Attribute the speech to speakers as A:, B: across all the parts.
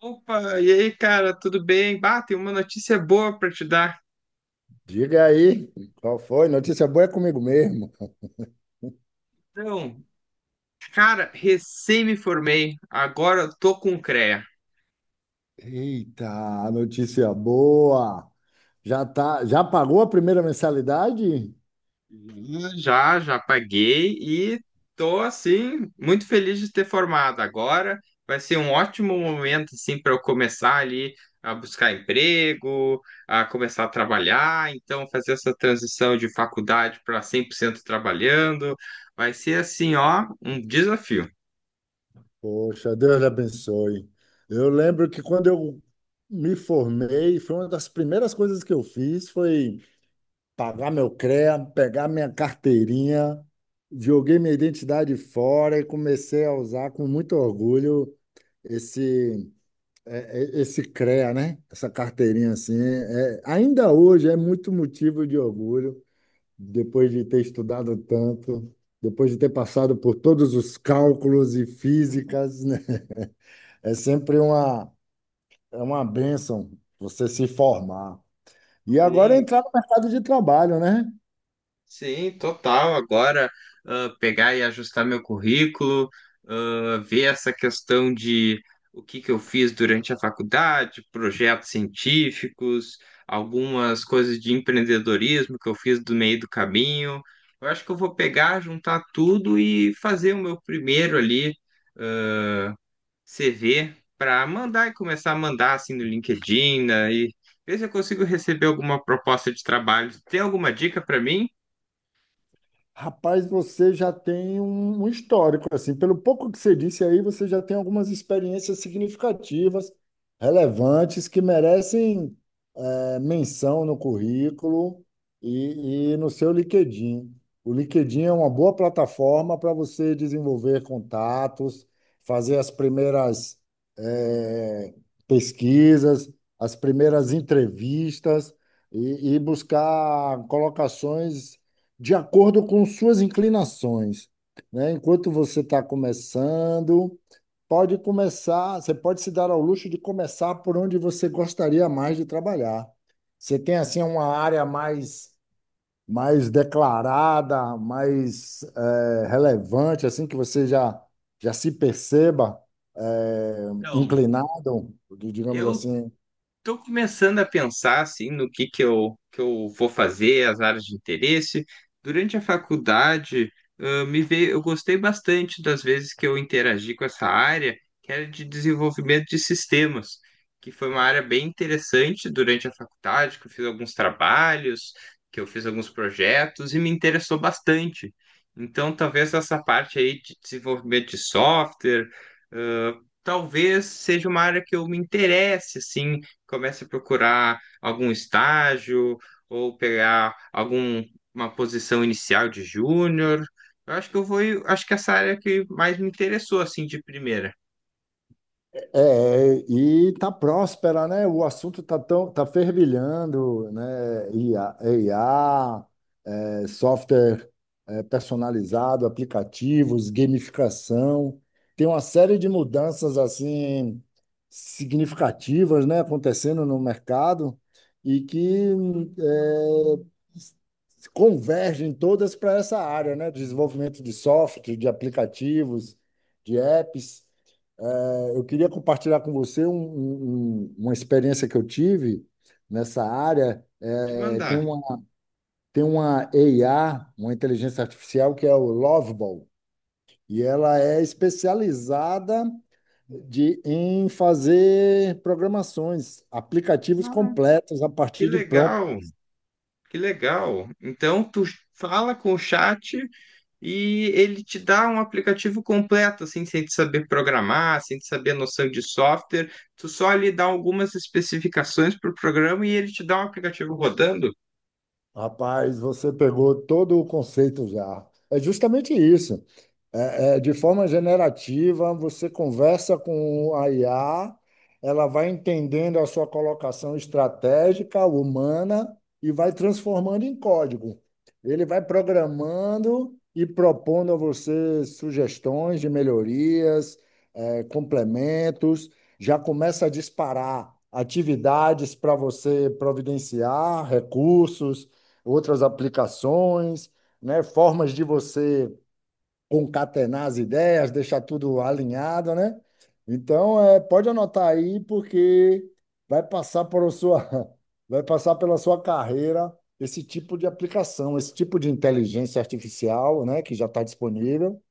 A: Opa, e aí, cara, tudo bem? Bah, tem uma notícia boa pra te dar.
B: Diga aí, qual foi? Notícia boa é comigo mesmo.
A: Então, cara, recém me formei, agora eu tô com o CREA.
B: Eita, notícia boa. Já tá, já pagou a primeira mensalidade?
A: Já, já paguei e tô, assim, muito feliz de ter formado. Agora vai ser um ótimo momento, assim, para eu começar ali a buscar emprego, a começar a trabalhar. Então, fazer essa transição de faculdade para 100% trabalhando vai ser, assim, ó, um desafio.
B: Poxa, Deus lhe abençoe. Eu lembro que quando eu me formei, foi uma das primeiras coisas que eu fiz, foi pagar meu CREA, pegar minha carteirinha, joguei minha identidade fora e comecei a usar com muito orgulho esse Esse CREA, né? Essa carteirinha assim, é, ainda hoje é muito motivo de orgulho, depois de ter estudado tanto, depois de ter passado por todos os cálculos e físicas, né? É sempre uma, é uma bênção você se formar. E agora
A: Sim,
B: entrar no mercado de trabalho, né?
A: sim, total. Agora, pegar e ajustar meu currículo, ver essa questão de o que que eu fiz durante a faculdade, projetos científicos, algumas coisas de empreendedorismo que eu fiz do meio do caminho. Eu acho que eu vou pegar, juntar tudo e fazer o meu primeiro ali, ah, CV para mandar e começar a mandar assim no LinkedIn, né, e ver se eu consigo receber alguma proposta de trabalho. Tem alguma dica para mim?
B: Rapaz, você já tem um histórico, assim, pelo pouco que você disse aí, você já tem algumas experiências significativas, relevantes, que merecem menção no currículo e no seu LinkedIn. O LinkedIn é uma boa plataforma para você desenvolver contatos, fazer as primeiras é, pesquisas, as primeiras entrevistas e buscar colocações de acordo com suas inclinações, né? Enquanto você está começando, Pode começar, você pode se dar ao luxo de começar por onde você gostaria mais de trabalhar. Você tem assim uma área mais declarada, mais relevante, assim que você já se perceba
A: Então,
B: inclinado, digamos
A: eu
B: assim,
A: estou começando a pensar assim no que eu vou fazer, as áreas de interesse. Durante a faculdade, me veio, eu gostei bastante das vezes que eu interagi com essa área, que era de desenvolvimento de sistemas, que foi uma área bem interessante durante a faculdade, que eu fiz alguns trabalhos, que eu fiz alguns projetos e me interessou bastante. Então, talvez essa parte aí de desenvolvimento de software, ah, talvez seja uma área que eu me interesse, assim comece a procurar algum estágio ou pegar alguma posição inicial de júnior. Eu acho que acho que essa área que mais me interessou assim de primeira.
B: é, e tá próspera, né? O assunto tá fervilhando, né? I a é, software é, personalizado, aplicativos, gamificação. Tem uma série de mudanças assim significativas, né, acontecendo no mercado e que é, convergem todas para essa área, né, de desenvolvimento de software, de aplicativos, de apps. É, eu queria compartilhar com você uma experiência que eu tive nessa área.
A: De
B: É,
A: mandar.
B: tem uma AI, uma inteligência artificial, que é o Loveball, e ela é especializada em fazer programações, aplicativos
A: Ah,
B: completos a
A: que
B: partir de prompt.
A: legal, que legal. Então tu fala com o chat e ele te dá um aplicativo completo, assim, sem te saber programar, sem te saber a noção de software. Tu só lhe dá algumas especificações para o programa e ele te dá um aplicativo rodando.
B: Rapaz, você pegou todo o conceito já. É justamente isso. De forma generativa, você conversa com a IA, ela vai entendendo a sua colocação estratégica, humana, e vai transformando em código. Ele vai programando e propondo a você sugestões de melhorias, complementos, já começa a disparar atividades para você providenciar, recursos, outras aplicações, né, formas de você concatenar as ideias, deixar tudo alinhado, né? Então, é, pode anotar aí, porque vai passar por sua, vai passar pela sua carreira esse tipo de aplicação, esse tipo de inteligência artificial, né, que já está disponível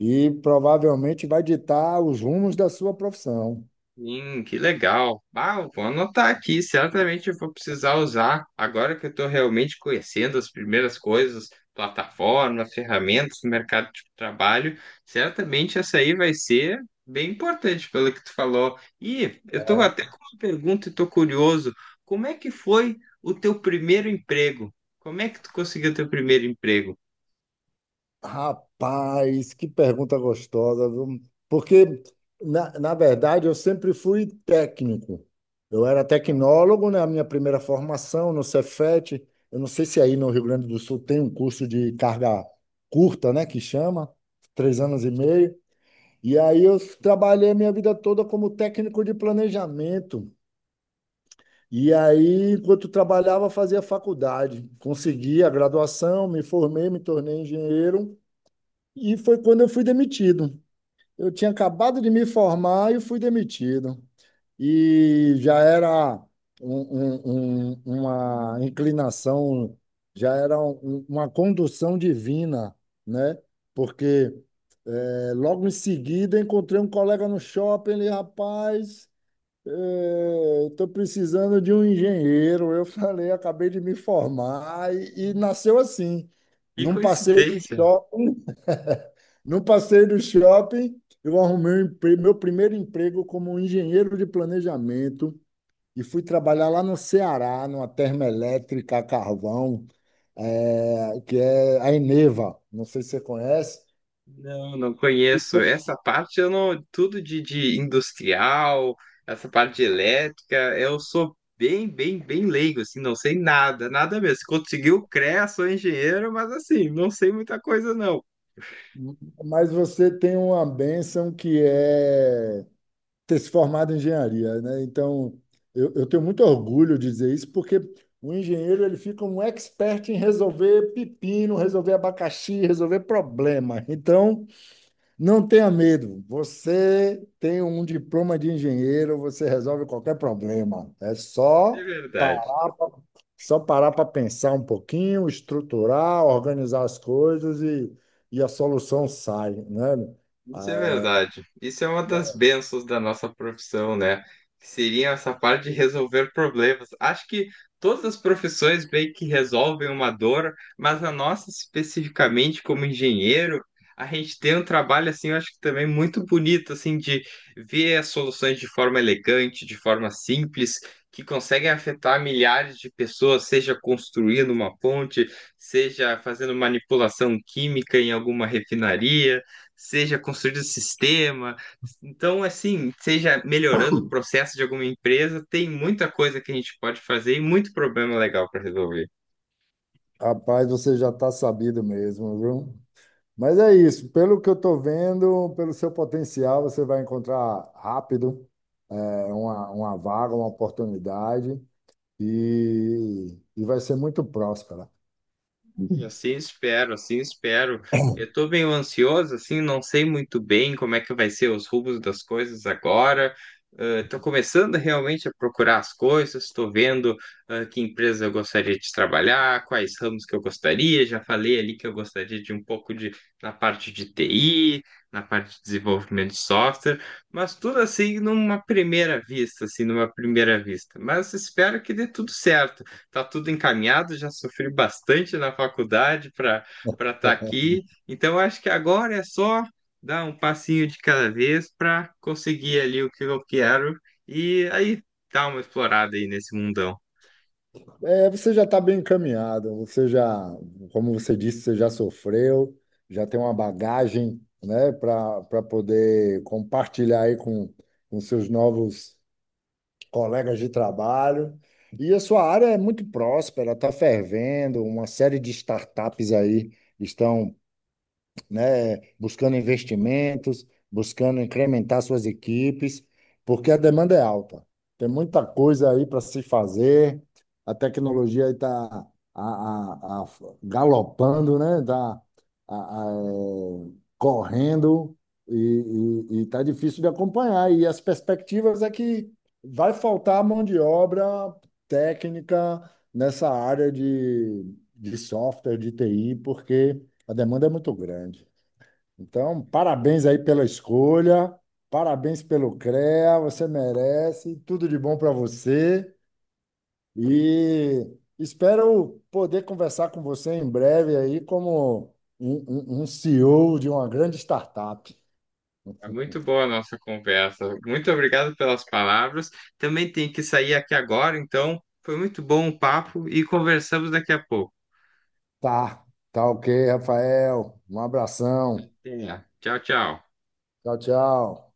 B: e provavelmente vai ditar os rumos da sua profissão.
A: Sim, que legal. Ah, eu vou anotar aqui, certamente eu vou precisar usar. Agora que eu estou realmente conhecendo as primeiras coisas, plataforma ferramentas, mercado de trabalho, certamente essa aí vai ser bem importante pelo que tu falou. E eu estou até com uma pergunta e estou curioso. Como é que foi o teu primeiro emprego? Como é que tu conseguiu teu primeiro emprego?
B: Rapaz, que pergunta gostosa, viu? Porque, na verdade, eu sempre fui técnico. Eu era tecnólogo na minha primeira formação no Cefet. Eu não sei se aí no Rio Grande do Sul tem um curso de carga curta, né, que chama, 3 anos e meio. E aí eu trabalhei a minha vida toda como técnico de planejamento. E aí, enquanto trabalhava, fazia faculdade. Consegui a graduação, me formei, me tornei engenheiro. E foi quando eu fui demitido. Eu tinha acabado de me formar e fui demitido. E já era um- uma inclinação, já era uma condução divina, né? Porque logo em seguida encontrei um colega no shopping, ele, rapaz, estou precisando de um engenheiro. Eu falei, acabei de me formar e nasceu assim,
A: Que
B: num passeio do
A: coincidência!
B: shopping. No passeio do shopping, eu arrumei meu primeiro emprego como engenheiro de planejamento e fui trabalhar lá no Ceará, numa termoelétrica a carvão, que é a Eneva. Não sei se você conhece.
A: Não, não
B: E
A: conheço.
B: foi-
A: Essa parte eu não. Tudo de industrial, essa parte de elétrica, eu sou bem, bem, bem leigo, assim, não sei nada, nada mesmo. Se conseguiu, CREA, sou engenheiro, mas assim, não sei muita coisa, não.
B: mas você tem uma bênção que é ter se formado em engenharia, né? Então, eu tenho muito orgulho de dizer isso, porque o engenheiro ele fica um expert em resolver pepino, resolver abacaxi, resolver problema. Então, não tenha medo. Você tem um diploma de engenheiro, você resolve qualquer problema. É
A: De
B: só
A: verdade.
B: parar pra, só parar para pensar um pouquinho, estruturar, organizar as coisas e a solução sai, né?
A: Isso é
B: É,
A: verdade. Isso é uma das bênçãos da nossa profissão, né? Que seria essa parte de resolver problemas. Acho que todas as profissões meio que resolvem uma dor, mas a nossa, especificamente como engenheiro, a gente tem um trabalho, assim, eu acho que também muito bonito, assim, de ver as soluções de forma elegante, de forma simples, que conseguem afetar milhares de pessoas, seja construindo uma ponte, seja fazendo manipulação química em alguma refinaria, seja construindo o sistema. Então, assim, seja melhorando o processo de alguma empresa, tem muita coisa que a gente pode fazer e muito problema legal para resolver.
B: rapaz, você já está sabido mesmo, viu? Mas é isso, pelo que eu estou vendo, pelo seu potencial, você vai encontrar rápido uma vaga, uma oportunidade e vai ser muito próspera.
A: Assim espero, assim espero. Eu estou meio ansioso, assim, não sei muito bem como é que vai ser os rumos das coisas agora. Estou começando realmente a procurar as coisas, estou vendo que empresa eu gostaria de trabalhar, quais ramos que eu gostaria. Já falei ali que eu gostaria de um pouco de na parte de TI, na parte de desenvolvimento de software, mas tudo assim numa primeira vista, assim, numa primeira vista. Mas espero que dê tudo certo, tá tudo encaminhado, já sofri bastante na faculdade para para estar aqui. Então acho que agora é só dar um passinho de cada vez para conseguir ali o que eu quero e aí dar uma explorada aí nesse mundão.
B: É, você já está bem encaminhado, como você disse, você já sofreu, já tem uma bagagem, né, para poder compartilhar aí com seus novos colegas de trabalho. E a sua área é muito próspera, está fervendo, uma série de startups aí estão né, buscando investimentos, buscando incrementar suas equipes, porque a demanda é alta. Tem muita coisa aí para se fazer. A tecnologia aí está galopando, né? Tá, a- a- eh, correndo e está difícil de acompanhar. E as perspectivas é que vai faltar mão de obra técnica nessa área de software, de TI, porque a demanda é muito grande. Então, parabéns aí pela escolha, parabéns pelo CREA, você merece, tudo de bom para você e espero poder conversar com você em breve aí como um CEO de uma grande startup.
A: É muito boa a nossa conversa. Muito obrigado pelas palavras. Também tenho que sair aqui agora, então foi muito bom o papo e conversamos daqui a pouco.
B: Tá, tá ok, Rafael. Um abração.
A: Até. Tchau, tchau.
B: Tchau, tchau.